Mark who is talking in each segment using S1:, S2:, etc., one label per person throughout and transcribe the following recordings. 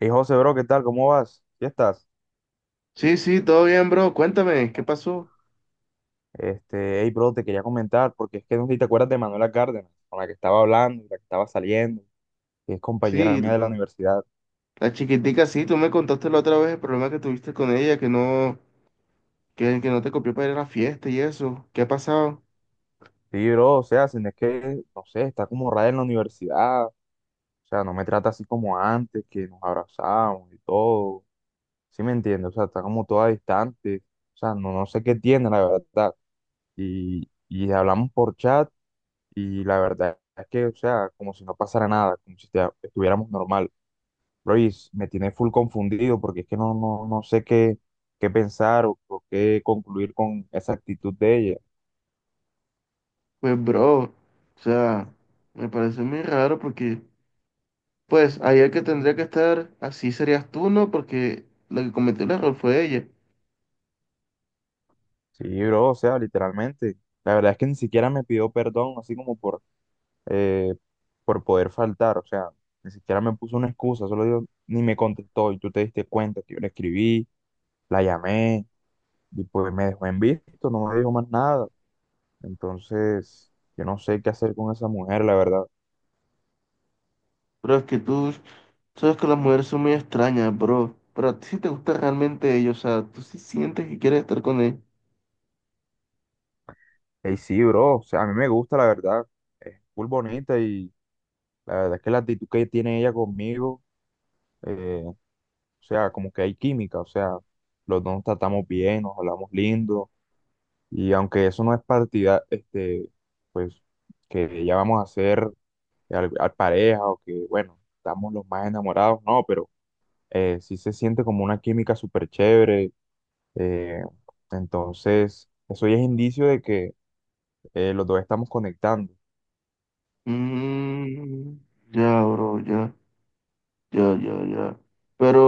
S1: Hey José, bro, ¿qué tal? ¿Cómo vas? ¿Ya estás?
S2: Sí, sí, todo bien, bro. Cuéntame, ¿qué pasó?
S1: Este, hey, bro, te quería comentar, porque es que no sé si te acuerdas de Manuela Cárdenas, con la que estaba hablando, la que estaba saliendo, que es compañera
S2: Sí,
S1: mía de la universidad.
S2: la chiquitica, sí, tú me contaste la otra vez el problema que tuviste con ella, que no, que no te copió para ir a la fiesta y eso. ¿Qué ha pasado?
S1: Sí, bro, o sea, si no es que, no sé, está como rara en la universidad, o sea, no me trata así como antes, que nos abrazábamos y todo. Sí me entiendes, o sea, está como toda distante, o sea, no sé qué tiene, la verdad. Y hablamos por chat, y la verdad es que, o sea, como si no pasara nada, como si estuviéramos normal. Luis, me tiene full confundido porque es que no sé qué, qué pensar o qué concluir con esa actitud de ella.
S2: Pues, bro, o sea, me parece muy raro porque, pues, ahí el que tendría que estar así serías tú, ¿no? Porque la que cometió el error fue ella.
S1: Sí, bro, o sea, literalmente. La verdad es que ni siquiera me pidió perdón, así como eh, por poder faltar. O sea, ni siquiera me puso una excusa, solo digo, ni me contestó. Y tú te diste cuenta que yo le escribí, la llamé, y pues me dejó en visto, no me dijo más nada. Entonces, yo no sé qué hacer con esa mujer, la verdad.
S2: Pero es que tú sabes que las mujeres son muy extrañas, bro. Pero a ti sí te gusta realmente ellos, o sea, tú sí sientes que quieres estar con él.
S1: Ey, sí, bro, o sea, a mí me gusta, la verdad, es muy bonita y la verdad es que la actitud que tiene ella conmigo, o sea, como que hay química, o sea, los dos nos tratamos bien, nos hablamos lindo y aunque eso no es partida, este, pues, que ya vamos a ser al pareja o que, bueno, estamos los más enamorados, no, pero sí se siente como una química súper chévere, eh, entonces, eso ya es indicio de que los dos estamos conectando.
S2: Mm, ya, bro, ya, ya, ya, ya. Pero,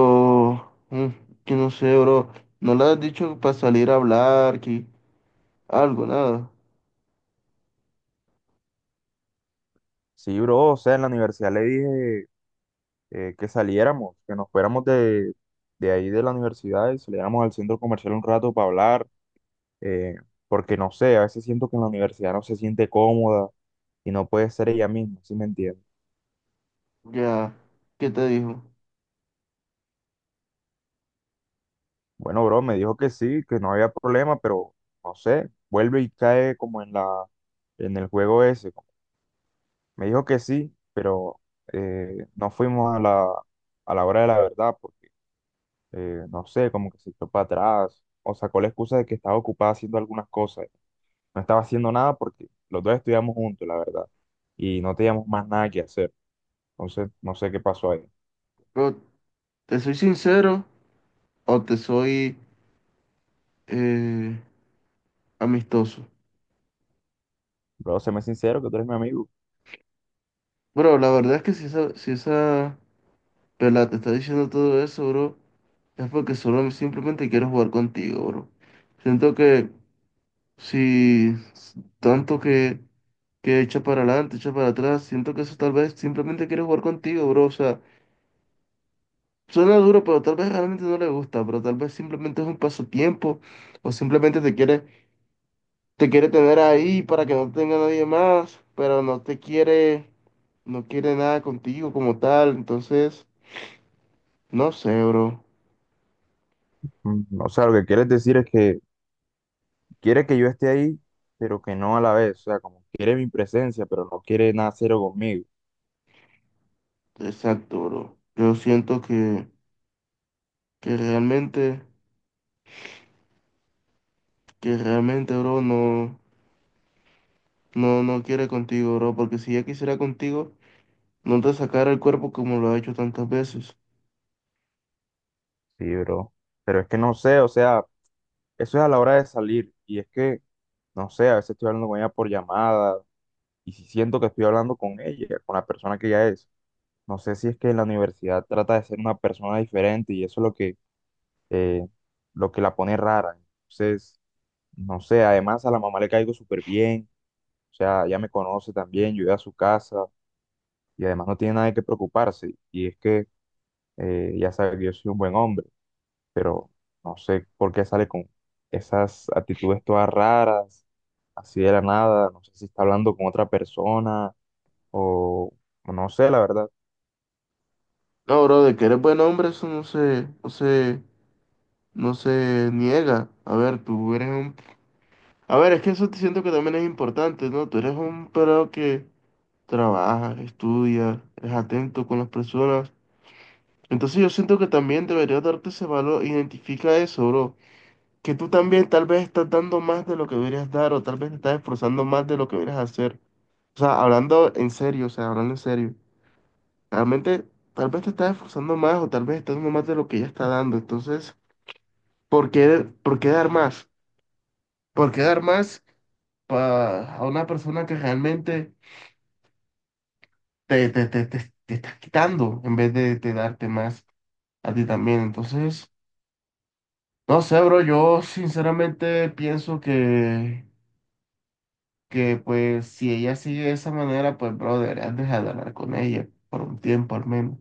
S2: mm, que no sé, bro. ¿No le has dicho para salir a hablar, que algo, nada?
S1: Sí, bro, o sea, en la universidad le dije que saliéramos, que nos fuéramos de ahí de la universidad y saliéramos al centro comercial un rato para hablar, eh, porque no sé, a veces siento que en la universidad no se siente cómoda y no puede ser ella misma, ¿sí me entiendes?
S2: Ya, ¿qué te dijo?
S1: Bueno, bro, me dijo que sí, que no había problema, pero no sé, vuelve y cae como en en el juego ese. Me dijo que sí, pero no fuimos a a la hora de la verdad. Pues, no sé, como que se echó para atrás o sacó la excusa de que estaba ocupada haciendo algunas cosas. No estaba haciendo nada porque los dos estudiamos juntos, la verdad, y no teníamos más nada que hacer. Entonces, no sé qué pasó ahí.
S2: Bro, ¿te soy sincero o te soy eh, amistoso?
S1: Pero séme sincero que tú eres mi amigo.
S2: Bro, la verdad es que si esa, si esa pelada te está diciendo todo eso, bro, es porque solo simplemente quiero jugar contigo, bro. Siento que si tanto que echa para adelante, echa para atrás. Siento que eso tal vez simplemente quiere jugar contigo, bro. O sea, suena duro, pero tal vez realmente no le gusta, pero tal vez simplemente es un pasatiempo o simplemente te quiere tener ahí para que no tenga nadie más, pero no te quiere, no quiere nada contigo como tal. Entonces, no sé, bro.
S1: Mm, o sea, lo que quieres decir es que quiere que yo esté ahí, pero que no a la vez. O sea, como quiere mi presencia, pero no quiere nada cero conmigo.
S2: Exacto, bro. Yo siento que realmente, que realmente, bro, no, no quiere contigo, bro, porque si ya quisiera contigo no te sacara el cuerpo como lo ha hecho tantas veces.
S1: Sí, bro. Pero es que no sé, o sea, eso es a la hora de salir. Y es que, no sé, a veces estoy hablando con ella por llamadas y si siento que estoy hablando con ella, con la persona que ella es. No sé si es que la universidad trata de ser una persona diferente y eso es eh, lo que la pone rara. Entonces, no sé, además a la mamá le caigo súper bien, o sea, ya me conoce también, yo voy a su casa y además no tiene nada de qué preocuparse. Y es que ya sabe que yo soy un buen hombre, pero no sé por qué sale con esas actitudes todas raras, así de la nada, no sé si está hablando con otra persona o o no sé, la verdad.
S2: No, bro, de que eres buen hombre, eso no se, no se, no se niega. A ver, tú eres un... A ver, es que eso te siento que también es importante, ¿no? Tú eres un pelado que trabaja, estudia, es atento con las personas. Entonces yo siento que también deberías darte ese valor. Identifica eso, bro. Que tú también tal vez estás dando más de lo que deberías dar o tal vez te estás esforzando más de lo que deberías hacer. O sea, hablando en serio, o sea, hablando en serio. Realmente, tal vez te estás esforzando más o tal vez estás dando más de lo que ya está dando. Entonces, por qué dar más? ¿Por qué dar más a una persona que realmente te está quitando en vez de darte más a ti también? Entonces, no sé, bro, yo sinceramente pienso que pues si ella sigue de esa manera, pues, bro, deberías dejar de hablar con ella por un tiempo al menos.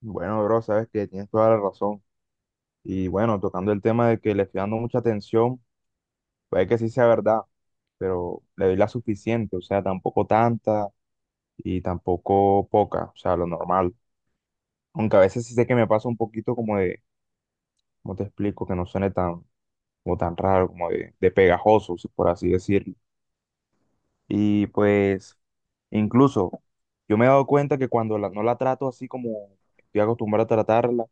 S1: Bueno, bro, sabes que tienes toda la razón. Y bueno, tocando el tema de que le estoy dando mucha atención, puede que sí sea verdad, pero le doy la suficiente, o sea, tampoco tanta y tampoco poca, o sea, lo normal. Aunque a veces sí sé que me pasa un poquito como de, ¿cómo te explico? Que no suene tan, como tan raro, como de pegajoso, por así decirlo. Y pues, incluso, yo me he dado cuenta que cuando no la trato así como estoy acostumbrado a tratarla,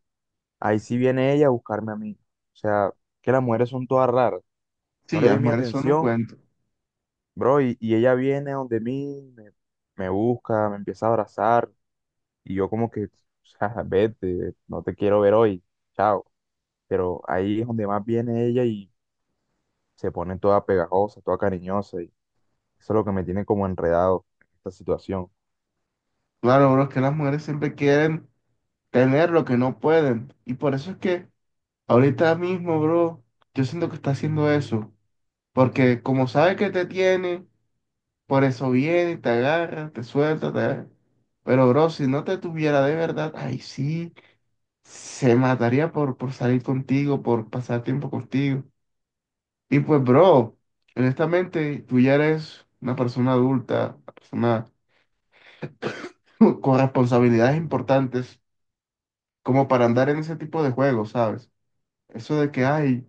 S1: ahí sí viene ella a buscarme a mí. O sea, que las mujeres son todas raras.
S2: Sí,
S1: No le
S2: las
S1: doy mi
S2: mujeres son un
S1: atención,
S2: cuento.
S1: bro, y ella viene donde mí, me busca, me empieza a abrazar, y yo como que, o sea, vete, no te quiero ver hoy, chao. Pero ahí es donde más viene ella y se pone toda pegajosa, toda cariñosa, y eso es lo que me tiene como enredado en esta situación.
S2: Claro, bro, es que las mujeres siempre quieren tener lo que no pueden. Y por eso es que ahorita mismo, bro, yo siento que está haciendo eso. Porque como sabe que te tiene, por eso viene, y te agarra, te suelta, te agarra. Pero, bro, si no te tuviera de verdad, ay, sí, se mataría por salir contigo, por pasar tiempo contigo. Y pues, bro, honestamente, tú ya eres una persona adulta, una persona con responsabilidades importantes como para andar en ese tipo de juegos, ¿sabes? Eso de que, ay,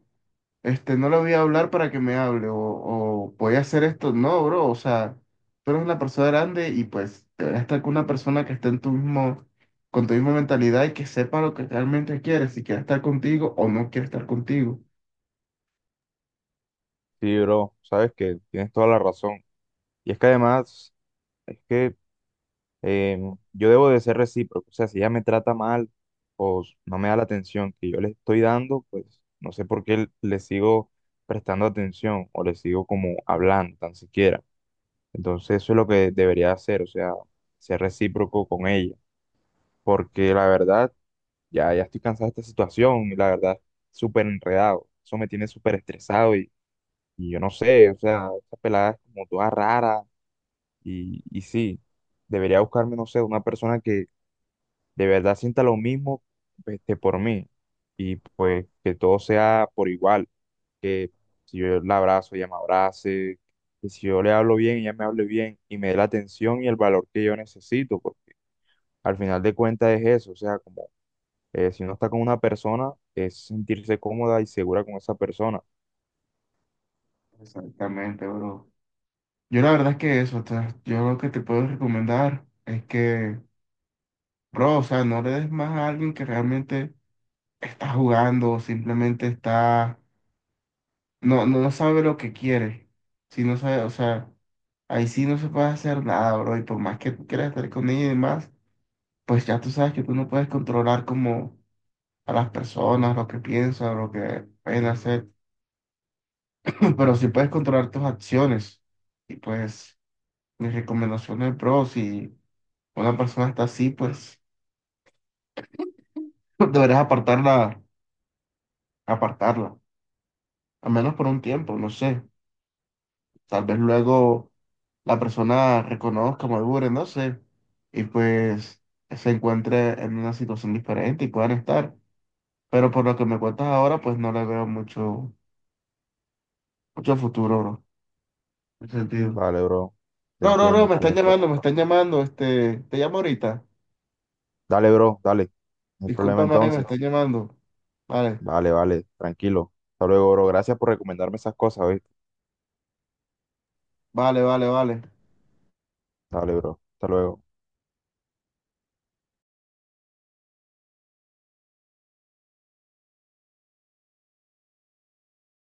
S2: este, no le voy a hablar para que me hable, o voy a hacer esto. No, bro, o sea, tú eres una persona grande y pues deberías estar con una persona que esté en tu mismo, con tu misma mentalidad y que sepa lo que realmente quieres, si quiere estar contigo o no quiere estar contigo.
S1: Sí, bro, sabes que tienes toda la razón. Y es que además, es que yo debo de ser recíproco. O sea, si ella me trata mal no me da la atención que yo le estoy dando, pues no sé por qué le sigo prestando atención o le sigo como hablando, tan siquiera. Entonces eso es lo que debería hacer, o sea, ser recíproco con ella. Porque la verdad, ya estoy cansado de esta situación y la verdad, súper enredado. Eso me tiene súper estresado y yo no sé, o sea, esta pelada es como toda rara y sí, debería buscarme, no sé, una persona de verdad sienta lo mismo este, por mí y pues que todo sea por igual, que si yo la abrazo, ella me abrace, que si yo le hablo bien, ella me hable bien y me dé la atención y el valor que yo necesito, porque al final de cuentas es eso, o sea, como si uno está con una persona, es sentirse cómoda y segura con esa persona.
S2: Exactamente, bro. Yo la verdad es que eso, o sea, yo lo que te puedo recomendar es que, bro, o sea, no le des más a alguien que realmente está jugando o simplemente está no, no sabe lo que quiere. Si no sabe, o sea, ahí sí no se puede hacer nada, bro. Y por más que tú quieras estar con ella y demás, pues ya tú sabes que tú no puedes controlar como a las personas, lo que piensan, lo que pueden hacer. Pero sí puedes controlar tus acciones. Y pues, mis recomendaciones, bro, si una persona está así, pues deberás apartarla, apartarla. Al menos por un tiempo, no sé. Tal vez luego. La persona reconozca, madure, no sé, y pues se encuentre en una situación diferente y puedan estar. Pero por lo que me cuentas ahora, pues no le veo mucho, mucho futuro, bro, en ese
S1: Mm,
S2: sentido.
S1: vale, bro, te
S2: No, no, no,
S1: entiendo, tienes todo.
S2: me están llamando, este, te llamo ahorita.
S1: Dale, bro, dale, no hay problema
S2: Discúlpame, me están
S1: entonces.
S2: llamando. Vale,
S1: Vale, vale, tranquilo. Hasta luego, bro. Gracias por recomendarme esas cosas, ¿viste?
S2: vale, vale, vale.
S1: Dale, bro. Hasta luego.